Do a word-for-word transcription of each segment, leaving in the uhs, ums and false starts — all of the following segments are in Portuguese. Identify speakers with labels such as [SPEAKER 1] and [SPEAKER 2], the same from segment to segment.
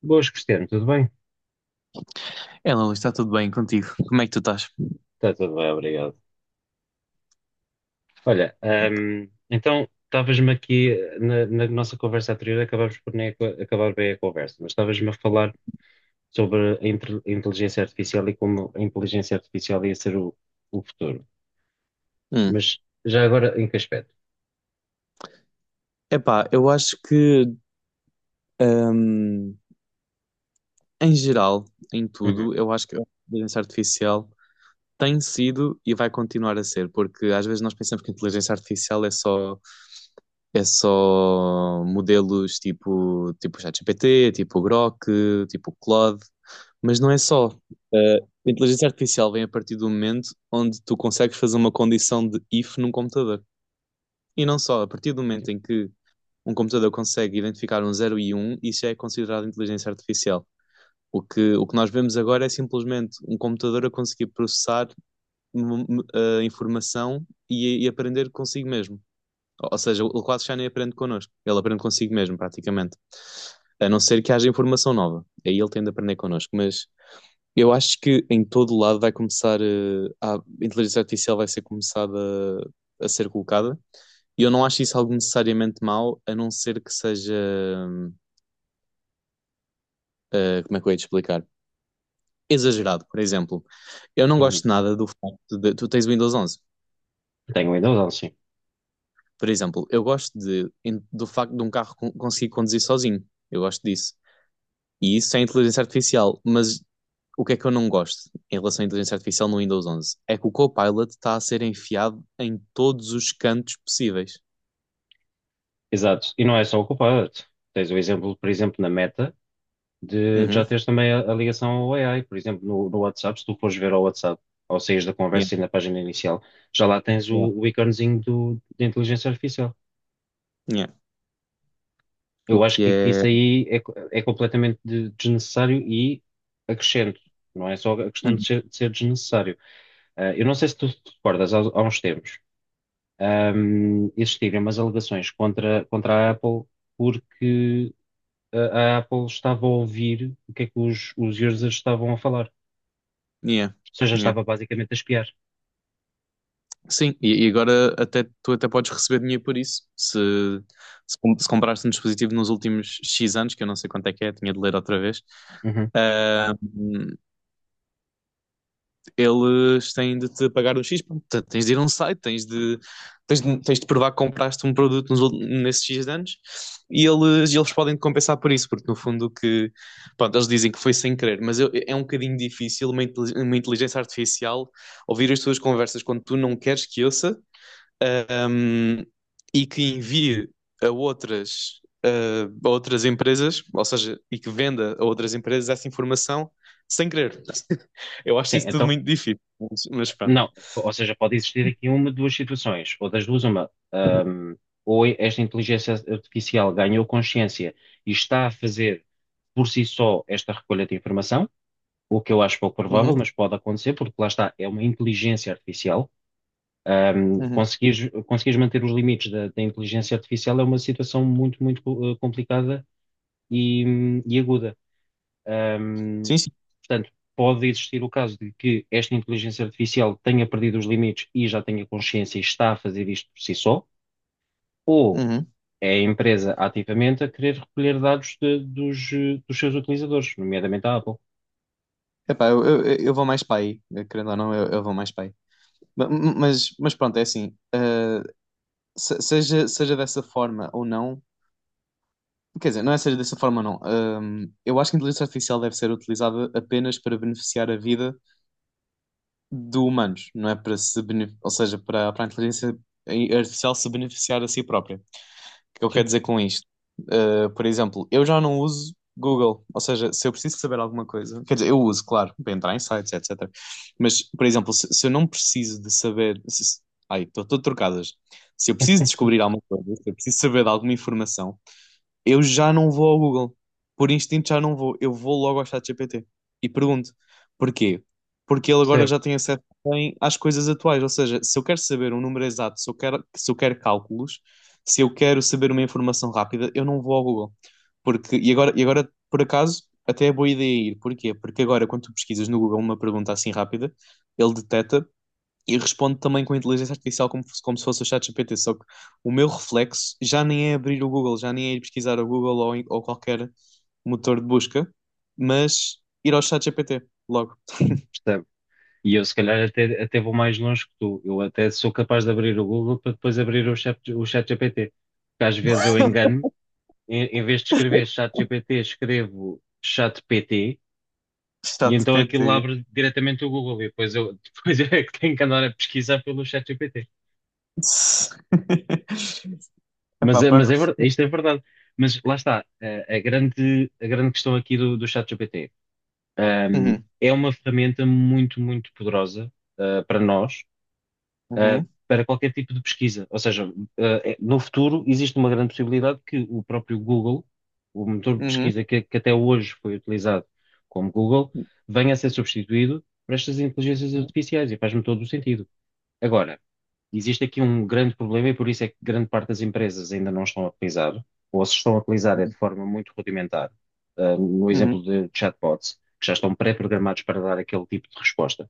[SPEAKER 1] Boas, Cristiano, tudo bem?
[SPEAKER 2] É, Luís, está tudo bem contigo? Como é que tu estás?
[SPEAKER 1] Está tudo bem, obrigado. Olha, ahm, então estavas-me aqui eh, na, na nossa conversa anterior, acabámos por nem aca- acabar bem a conversa, mas estavas-me a falar sobre a intel- a inteligência artificial e como a inteligência artificial ia ser o, o futuro.
[SPEAKER 2] Hum,
[SPEAKER 1] Mas já agora, em que aspecto?
[SPEAKER 2] Epá, eu acho que, hum, em geral, em
[SPEAKER 1] Uhum,
[SPEAKER 2] tudo, eu acho que a inteligência artificial tem sido e vai continuar a ser, porque às vezes nós pensamos que a inteligência artificial é só, é só modelos tipo, tipo ChatGPT, tipo Grok, tipo Claude, mas não é só. Eh, a inteligência artificial vem a partir do momento onde tu consegues fazer uma condição de if num computador. E não só, a partir do momento em que um computador consegue identificar um zero e um, isso já é considerado inteligência artificial. O que, o que nós vemos agora é simplesmente um computador a conseguir processar hum, hum, a informação e, e aprender consigo mesmo. Ou ou seja, ele quase já nem aprende connosco, ele aprende consigo mesmo, praticamente. A não ser que haja informação nova, aí ele tende a aprender connosco, mas eu acho que em todo lado vai começar, eh, a, inteligência artificial vai ser começada a ser colocada. E eu não acho isso algo necessariamente mau, a não ser que seja, eh, como é que eu ia te explicar? Exagerado, por exemplo. Eu não
[SPEAKER 1] uhum.
[SPEAKER 2] gosto nada do facto de tu tens o Windows onze.
[SPEAKER 1] Tenho ainda, não, sim.
[SPEAKER 2] Por exemplo, eu gosto de, em- do facto de um carro con- conseguir conduzir sozinho. Eu gosto disso. E isso é inteligência artificial, mas. O que é que eu não gosto em relação à inteligência artificial no Windows onze? É que o Copilot está a ser enfiado em todos os cantos possíveis.
[SPEAKER 1] Exato. E não é só o culpado. Tens o exemplo, por exemplo, na Meta. De
[SPEAKER 2] Uhum.
[SPEAKER 1] já teres também a, a ligação ao A I. Por exemplo, no, no WhatsApp, se tu fores ver ao WhatsApp, ao saíres da
[SPEAKER 2] Yeah,
[SPEAKER 1] conversa e na página inicial, já lá tens o,
[SPEAKER 2] yeah,
[SPEAKER 1] o iconezinho do, de inteligência artificial.
[SPEAKER 2] yeah. O
[SPEAKER 1] Eu acho
[SPEAKER 2] que
[SPEAKER 1] que
[SPEAKER 2] é.
[SPEAKER 1] isso aí é, co- é completamente de- desnecessário e acrescento. Não é só a questão de
[SPEAKER 2] Hum.
[SPEAKER 1] ser, de ser desnecessário. Ah, eu não sei se tu te recordas, há, há uns tempos, ahm, existiram umas alegações contra, contra a Apple porque a, a Apple estava a ouvir o que é que os os users estavam a falar.
[SPEAKER 2] Yeah,
[SPEAKER 1] Ou seja,
[SPEAKER 2] yeah.
[SPEAKER 1] estava basicamente a espiar.
[SPEAKER 2] Sim, e, e agora até, tu até podes receber dinheiro por isso. Se, se, com- se compraste um dispositivo nos últimos X anos, que eu não sei quanto é que é, tinha de ler outra vez.
[SPEAKER 1] Uhum.
[SPEAKER 2] Ah, hum, eles têm de te pagar um X, portanto, tens de ir a um site, tens de, tens de, tens de provar que compraste um produto nos, nesses X anos e eles, eles podem te compensar por isso, porque no fundo que, pronto, eles dizem que foi sem querer, mas eu- é um bocadinho difícil uma, intelig- uma inteligência artificial ouvir as tuas conversas quando tu não queres que ouça ahm, e que envie a outras, ah, a outras empresas, ou seja, e que venda a outras empresas essa informação sem querer. Eu acho
[SPEAKER 1] Sim,
[SPEAKER 2] isso tudo
[SPEAKER 1] então,
[SPEAKER 2] muito difícil, mas, mas pronto.
[SPEAKER 1] não, ou seja, pode existir aqui uma de duas situações, ou das duas uma. Ahm, ou esta inteligência artificial ganhou consciência e está a fazer por si só esta recolha de informação, o que eu acho pouco provável,
[SPEAKER 2] Uhum,
[SPEAKER 1] mas pode acontecer, porque lá está, é uma inteligência artificial. Ahm,
[SPEAKER 2] uhum.
[SPEAKER 1] conseguires, conseguires manter os limites da, da inteligência artificial é uma situação muito, muito eh, complicada e, e aguda. Um,
[SPEAKER 2] Sim, sim.
[SPEAKER 1] portanto, pode existir o caso de que esta inteligência artificial tenha perdido os limites e já tenha consciência e está a fazer isto por si só, ou
[SPEAKER 2] Uhum.
[SPEAKER 1] é a empresa ativamente a querer recolher dados de- dos, eh, dos seus utilizadores, nomeadamente a Apple.
[SPEAKER 2] Epá, eu, eu, eu vou mais para aí, eh, querendo ou não, eu, eu vou mais para aí. Ma- Mas, mas pronto, é assim, ah, se- seja, seja dessa forma ou não, quer dizer, não é seja dessa forma ou não, ahm, eu acho que a inteligência artificial deve ser utilizada apenas para beneficiar a vida de humanos, não é para se bene- ou seja, para, para a inteligência artificial se beneficiar a si própria. O que eu
[SPEAKER 1] Sim,
[SPEAKER 2] quero dizer com isto? Uh, por exemplo, eu já não uso Google, ou seja, se eu preciso saber alguma coisa, quer dizer, eu uso, claro, para entrar em sites, etcétera. Mas, por exemplo, se, se eu não preciso de saber, se, se- ai, estou todo trocadas. Se eu preciso descobrir alguma coisa, se eu preciso saber de alguma informação, eu já não vou ao Google. Por instinto já não vou. Eu vou logo ao ChatGPT e pergunto porquê? Porque ele agora
[SPEAKER 1] percebo,
[SPEAKER 2] já tem acesso também às coisas atuais. Ou seja, se eu quero saber um número exato, se eu quero, se eu quero cálculos, se eu quero saber uma informação rápida, eu não vou ao Google. Porque, e agora, e agora, por acaso, até é boa ideia ir. Porquê? Porque agora, quando tu pesquisas no Google uma pergunta assim rápida, ele detecta e respondo também com a inteligência artificial como, se- como se fosse o ChatGPT, só que o meu reflexo já nem é abrir o Google, já nem é ir pesquisar o Google ou, em- ou qualquer motor de busca, mas ir ao ChatGPT logo.
[SPEAKER 1] percebo. E eu, se calhar, até, até vou mais longe que tu. Eu até sou capaz de abrir o Google para depois abrir o chat, o chat G P T. Porque às vezes eu engano-me, em, em vez de escrever chat G P T, escrevo chat P T. E então aquilo
[SPEAKER 2] ChatGPT.
[SPEAKER 1] abre diretamente o Google e depois eu, depois eu é que tenho que andar a pesquisar pelo ChatGPT. Mas,
[SPEAKER 2] Epá,
[SPEAKER 1] é- mas
[SPEAKER 2] pronto.
[SPEAKER 1] é, ver- isto é verdade. Mas lá está, a, a grande, a grande questão aqui do, do ChatGPT. Ahm,
[SPEAKER 2] Uhum,
[SPEAKER 1] é uma ferramenta muito, muito poderosa, ah, para nós, ah,
[SPEAKER 2] uhum,
[SPEAKER 1] para qualquer tipo de pesquisa. Ou seja, ah, é- no futuro existe uma grande possibilidade que o próprio Google, o motor de
[SPEAKER 2] uhum,
[SPEAKER 1] pesquisa que, que até hoje foi utilizado como Google, venha a ser substituído por estas inteligências artificiais e faz-me todo o sentido. Agora, existe aqui um grande problema e por isso é que grande parte das empresas ainda não estão a utilizar, ou se estão a utilizar é de forma muito rudimentar. Ah, no
[SPEAKER 2] uhum,
[SPEAKER 1] exemplo de chatbots, que já estão pré-programados para dar aquele tipo de resposta.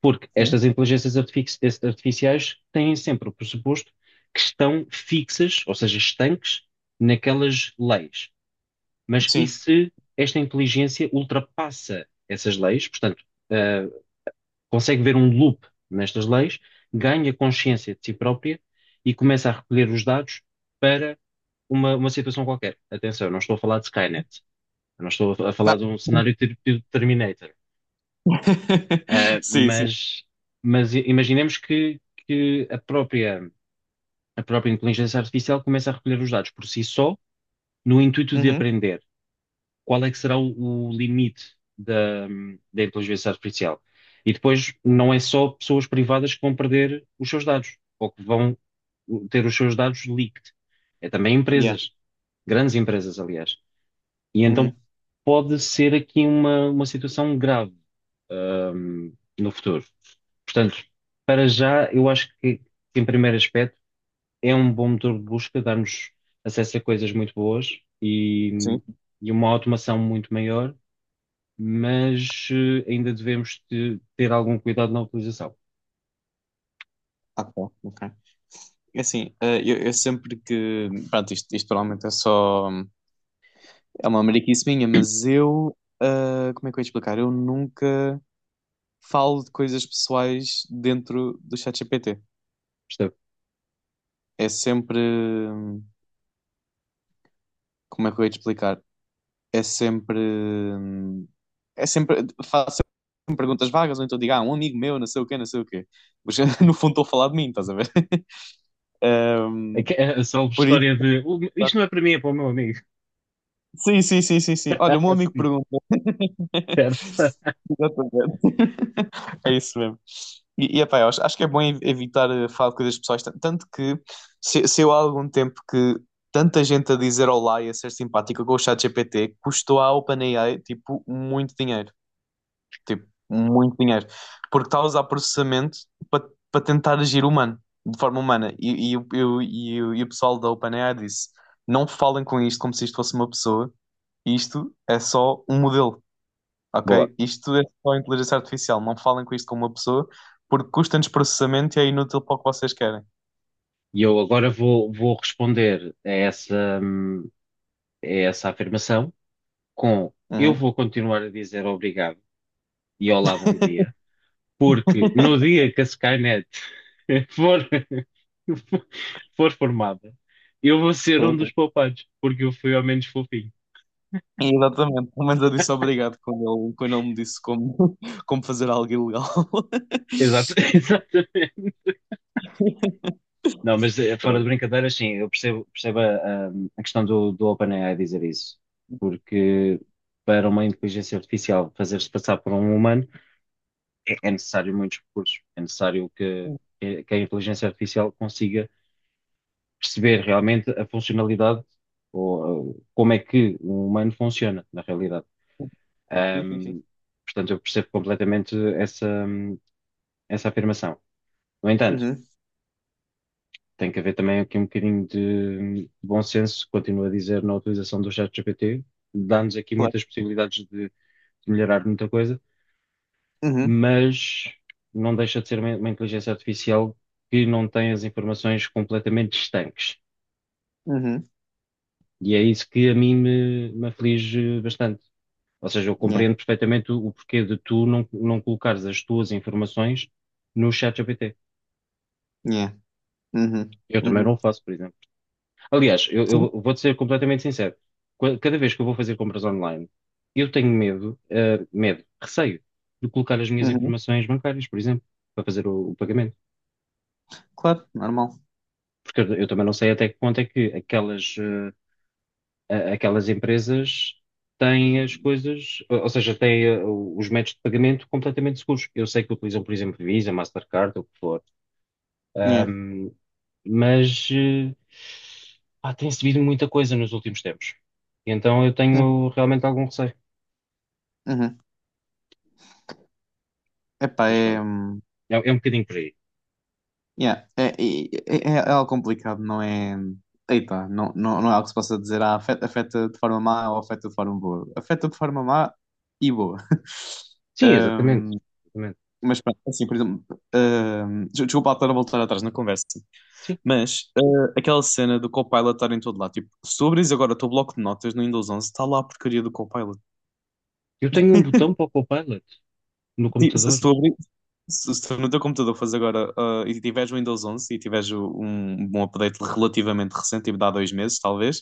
[SPEAKER 1] Porque
[SPEAKER 2] uhum.
[SPEAKER 1] estas inteligências artifici- artificiais têm sempre o pressuposto que estão fixas, ou seja, estanques, naquelas leis. Mas e
[SPEAKER 2] Sim.
[SPEAKER 1] se esta inteligência ultrapassa essas leis? Portanto, ah, consegue ver um loop nestas leis, ganha consciência de si própria e começa a recolher os dados para uma, uma situação qualquer. Atenção, eu não estou a falar de Skynet, eu não estou a
[SPEAKER 2] Ah.
[SPEAKER 1] falar de um cenário tipo Terminator. Ah,
[SPEAKER 2] Sim, sim.
[SPEAKER 1] mas, mas imaginemos que, que a própria, a própria inteligência artificial começa a recolher os dados por si só, no intuito de
[SPEAKER 2] Uhum,
[SPEAKER 1] aprender. Qual é que será o, o limite da, da inteligência artificial. E depois não é só pessoas privadas que vão perder os seus dados ou que vão ter os seus dados leaked. É também
[SPEAKER 2] yeah.
[SPEAKER 1] empresas, grandes empresas, aliás. E então
[SPEAKER 2] Uhum,
[SPEAKER 1] pode ser aqui uma, uma situação grave, ahm, no futuro. Portanto, para já, eu acho que, em primeiro aspecto, é um bom motor de busca, dar-nos acesso a coisas muito boas e,
[SPEAKER 2] sim.
[SPEAKER 1] e uma automação muito maior, mas eh, ainda devemos te- ter algum cuidado na utilização.
[SPEAKER 2] Ah, tá, ok. É assim, eh, eu, eu sempre que. Pronto, isto, isto provavelmente é só. É uma mariquice minha, mas eu, ah, como é que eu ia explicar? Eu nunca falo de coisas pessoais dentro do ChatGPT.
[SPEAKER 1] Percebe?
[SPEAKER 2] É sempre, hum, como é que eu ia te explicar? É sempre, hum, é sempre, faço sempre perguntas vagas, ou então digo, ah, um amigo meu, não sei o quê, não sei o quê. Mas no fundo estou a falar de mim, estás a ver?
[SPEAKER 1] A,
[SPEAKER 2] Hum,
[SPEAKER 1] que- a salve
[SPEAKER 2] por isso,
[SPEAKER 1] história de "Oh, isto não é para mim, é para o meu amigo.
[SPEAKER 2] sim, sim, sim, sim, sim. Olha, o meu amigo
[SPEAKER 1] Assim,
[SPEAKER 2] pergunta,
[SPEAKER 1] certo?
[SPEAKER 2] exatamente. É isso mesmo. E, e epá, eu acho, acho que é bom ev- evitar eh, falar de coisas pessoais, tan- tanto que se, se eu há algum tempo que tanta gente a dizer olá e a ser simpática com o chat ChatGPT custou à OpenAI tipo muito dinheiro, tipo muito dinheiro, porque está a usar processamento para para tentar agir humano, de forma humana. E, e, o- e, o- e, o- e o pessoal da OpenAI disse: Não falem com isto como se isto fosse uma pessoa, isto é só um modelo. Ok?
[SPEAKER 1] Boa.
[SPEAKER 2] Isto é só inteligência artificial. Não falem com isto com uma pessoa, porque custa-nos processamento e é inútil para o que vocês querem.
[SPEAKER 1] E eu agora vou, vou responder a essa, hum, a essa afirmação com eu
[SPEAKER 2] Uhum.
[SPEAKER 1] vou continuar a dizer obrigado e olá, bom dia, porque no dia que a Skynet for, for formada, eu vou ser um
[SPEAKER 2] Sim,
[SPEAKER 1] dos
[SPEAKER 2] sim.
[SPEAKER 1] poupados, porque eu fui ao menos fofinho.
[SPEAKER 2] Exatamente. Pelo menos eu disse obrigado quando ele, quando ele me disse como, como fazer algo ilegal.
[SPEAKER 1] Exato, exato. Não, mas eh, fora de
[SPEAKER 2] Pronto.
[SPEAKER 1] brincadeiras, sim, eu percebo, percebo a, a- a questão do, do OpenAI dizer isso, porque para uma inteligência artificial fazer-se passar por um humano é, é necessário muitos recursos, é necessário que, que que a inteligência artificial consiga perceber realmente a funcionalidade ou eh, como é que um humano funciona na realidade.
[SPEAKER 2] Sim, sim, sim.
[SPEAKER 1] Ahm, portanto, eu percebo completamente essa, essa afirmação. No entanto,
[SPEAKER 2] Uhum,
[SPEAKER 1] tem que haver também aqui um bocadinho de bom senso, continuo a dizer, na utilização do ChatGPT. Dá-nos aqui
[SPEAKER 2] claro.
[SPEAKER 1] muitas possibilidades de, de melhorar muita coisa,
[SPEAKER 2] Uhum,
[SPEAKER 1] mas não deixa de ser uma, uma inteligência artificial que não tem as informações completamente estanques.
[SPEAKER 2] uhum.
[SPEAKER 1] E é isso que a mim me, me aflige bastante. Ou seja, eu
[SPEAKER 2] Yeah,
[SPEAKER 1] compreendo perfeitamente o, o porquê de tu não, não colocares as tuas informações no ChatGPT.
[SPEAKER 2] yeah. Uhum,
[SPEAKER 1] Eu também não
[SPEAKER 2] uhum.
[SPEAKER 1] o faço, por exemplo. Aliás, eu,
[SPEAKER 2] Sim.
[SPEAKER 1] eu vou-te ser completamente sincero. Qua- Cada vez que eu vou fazer compras online, eu tenho medo, eh, medo, receio de colocar as minhas
[SPEAKER 2] Uhum.
[SPEAKER 1] informações bancárias, por exemplo, para fazer o, o pagamento.
[SPEAKER 2] Claro, normal.
[SPEAKER 1] Porque eu, eu também não sei até que ponto é que aquelas, eh, a- aquelas empresas têm as coisas, ou ou seja, têm, eh, os métodos de pagamento completamente seguros. Eu sei que utilizam, por exemplo, Visa, Mastercard, ou o que for.
[SPEAKER 2] Yeah.
[SPEAKER 1] Ahm, mas eh, pá, tem subido muita coisa nos últimos tempos. E então eu
[SPEAKER 2] Uhum.
[SPEAKER 1] tenho realmente algum receio.
[SPEAKER 2] Uhum. Epá,
[SPEAKER 1] Mas
[SPEAKER 2] é.
[SPEAKER 1] pronto, é, é um bocadinho por aí.
[SPEAKER 2] Yeah, É, e- é, é é algo complicado, não é? Eita, não, não, não é algo que se possa dizer, ah, afeta, afeta de forma má ou afeta de forma boa. Afeta de forma má e boa.
[SPEAKER 1] Sim, exatamente.
[SPEAKER 2] Ahm,
[SPEAKER 1] Exatamente.
[SPEAKER 2] mas pronto, é assim, por exemplo, ahm, des- desculpa lá estar a voltar atrás na conversa,
[SPEAKER 1] Sim.
[SPEAKER 2] mas ah, aquela cena do Copilot estar em todo lado, tipo, se tu abris agora o teu bloco de notas no Windows onze está lá a porcaria do Copilot.
[SPEAKER 1] Eu tenho um botão para o Copilot no
[SPEAKER 2] Ti- Se
[SPEAKER 1] computador.
[SPEAKER 2] se tu abri- Se, se tu no teu computador fores agora ah, e tiveres o Windows onze e tiveres o- um, um update relativamente recente, tipo de há dois meses, talvez,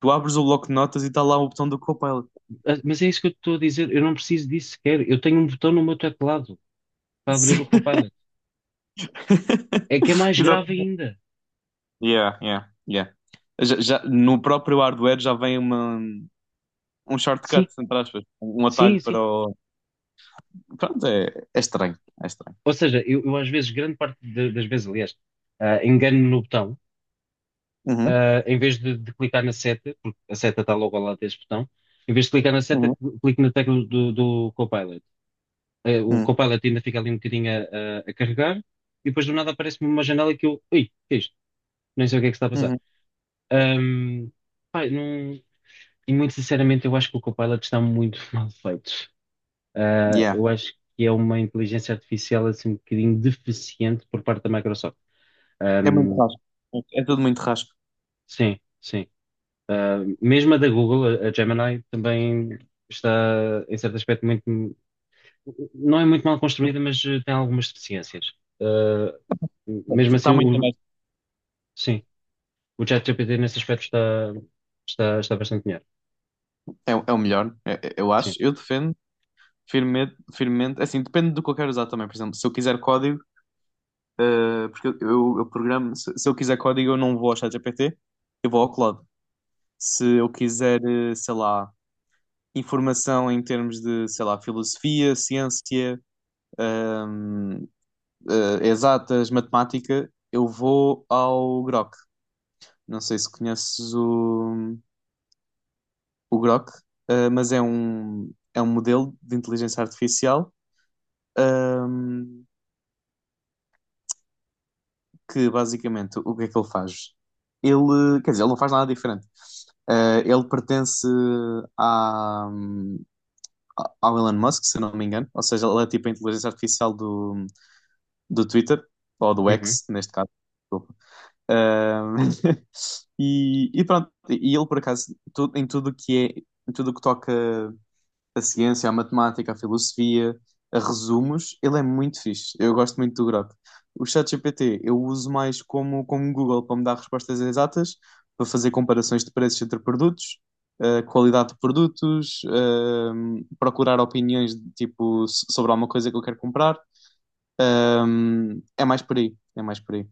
[SPEAKER 2] tu abres o bloco de notas e está lá o botão do Copilot.
[SPEAKER 1] Ah, mas é isso que eu estou a dizer. Eu não preciso disso sequer. Eu tenho um botão no meu teclado para abrir o
[SPEAKER 2] Sim.
[SPEAKER 1] Copilot. É que é mais
[SPEAKER 2] Exato.
[SPEAKER 1] grave ainda.
[SPEAKER 2] Yeah, yeah, yeah. Já, já- no próprio hardware já vem uma, um
[SPEAKER 1] Sim,
[SPEAKER 2] shortcut, entre aspas, um
[SPEAKER 1] sim,
[SPEAKER 2] atalho
[SPEAKER 1] sim.
[SPEAKER 2] para o. Pronto, é, é estranho. É estranho.
[SPEAKER 1] Ou seja, eu, eu às vezes, grande parte de- das vezes, aliás, ah, engano-me no botão.
[SPEAKER 2] Uhum,
[SPEAKER 1] Em vez de, de clicar na seta, porque a seta está logo ao lado desse botão, em vez de clicar na seta,
[SPEAKER 2] uhum,
[SPEAKER 1] cl- clico na tecla do, do Copilot. Eh, o
[SPEAKER 2] uhum,
[SPEAKER 1] Copilot ainda fica ali um bocadinho a, a- a carregar, e depois do nada aparece-me uma janela que eu, ui, o que é isto? Nem sei o que é que está a passar.
[SPEAKER 2] uhum.
[SPEAKER 1] Ahm, pá, não- e muito sinceramente, eu acho que o Copilot está muito mal feito. Ah,
[SPEAKER 2] Yeah.
[SPEAKER 1] eu acho que é uma inteligência artificial assim um bocadinho deficiente por parte da Microsoft.
[SPEAKER 2] É muito
[SPEAKER 1] Ahm,
[SPEAKER 2] rasco. É tudo muito rasco.
[SPEAKER 1] sim, sim. Ah, mesmo a da Google, a a Gemini, também está, em certo aspecto, muito. Não é muito mal construída, mas eh, tem algumas deficiências. Ah, mesmo assim,
[SPEAKER 2] Está muito
[SPEAKER 1] o,
[SPEAKER 2] abaixo.
[SPEAKER 1] sim, o ChatGPT nesse aspecto está, está, está bastante melhor.
[SPEAKER 2] É, é o melhor, é- é- eu acho.
[SPEAKER 1] Sim.
[SPEAKER 2] Eu defendo firme firmemente, é assim, depende do que eu quero usar também. Por exemplo, se eu quiser código, eh, porque eu, eu, eu programo, se, se eu quiser código, eu não vou ao ChatGPT, eu vou ao Claude. Se eu quiser, eh, sei lá, informação em termos de, sei lá, filosofia, ciência, ahm, eh, exatas, matemática, eu vou ao Grok. Não sei se conheces o, o Grok, eh, mas é um, é um modelo de inteligência artificial. ahm, que basicamente o que é que ele faz? Ele, quer dizer, ele não faz nada diferente. Eh, ele pertence à, ao Elon Musk, se eu não me engano, ou seja, ele é tipo a inteligência artificial do, do Twitter, ou do
[SPEAKER 1] Uhum.
[SPEAKER 2] X, neste caso. Desculpa. Eh, e, e pronto, e ele por acaso, tu- em tudo que é, em tudo que toca a ciência, a matemática, a filosofia, a resumos, ele é muito fixe. Eu gosto muito do Grok. O ChatGPT eu uso mais como, como Google para me dar respostas exatas, para fazer comparações de preços entre produtos, eh, qualidade de produtos, eh, procurar opiniões de, tipo so- sobre alguma coisa que eu quero comprar. Ahm, é mais por aí, é mais por aí.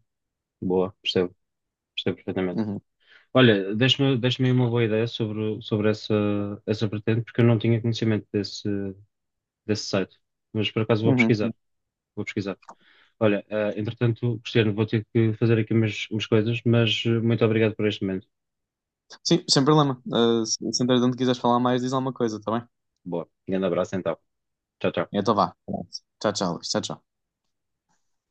[SPEAKER 1] Boa, percebo, percebo perfeitamente.
[SPEAKER 2] Uhum,
[SPEAKER 1] Olha, deixa-me deixa-me aí uma boa ideia sobre, sobre essa, essa vertente, porque eu não tinha conhecimento desse, desse site. Mas por acaso vou
[SPEAKER 2] uhum.
[SPEAKER 1] pesquisar. Vou pesquisar. Olha, ah, entretanto, Cristiano, vou ter que fazer aqui umas, umas coisas, mas eh, muito obrigado por este momento.
[SPEAKER 2] Sim, sem problema. Eh, se, se entretanto quiseres falar mais, diz alguma coisa, tá bem?
[SPEAKER 1] Boa. Grande abraço então. Tchau, tchau.
[SPEAKER 2] Então vá. Tchau, tchau, Luís. Tchau, tchau.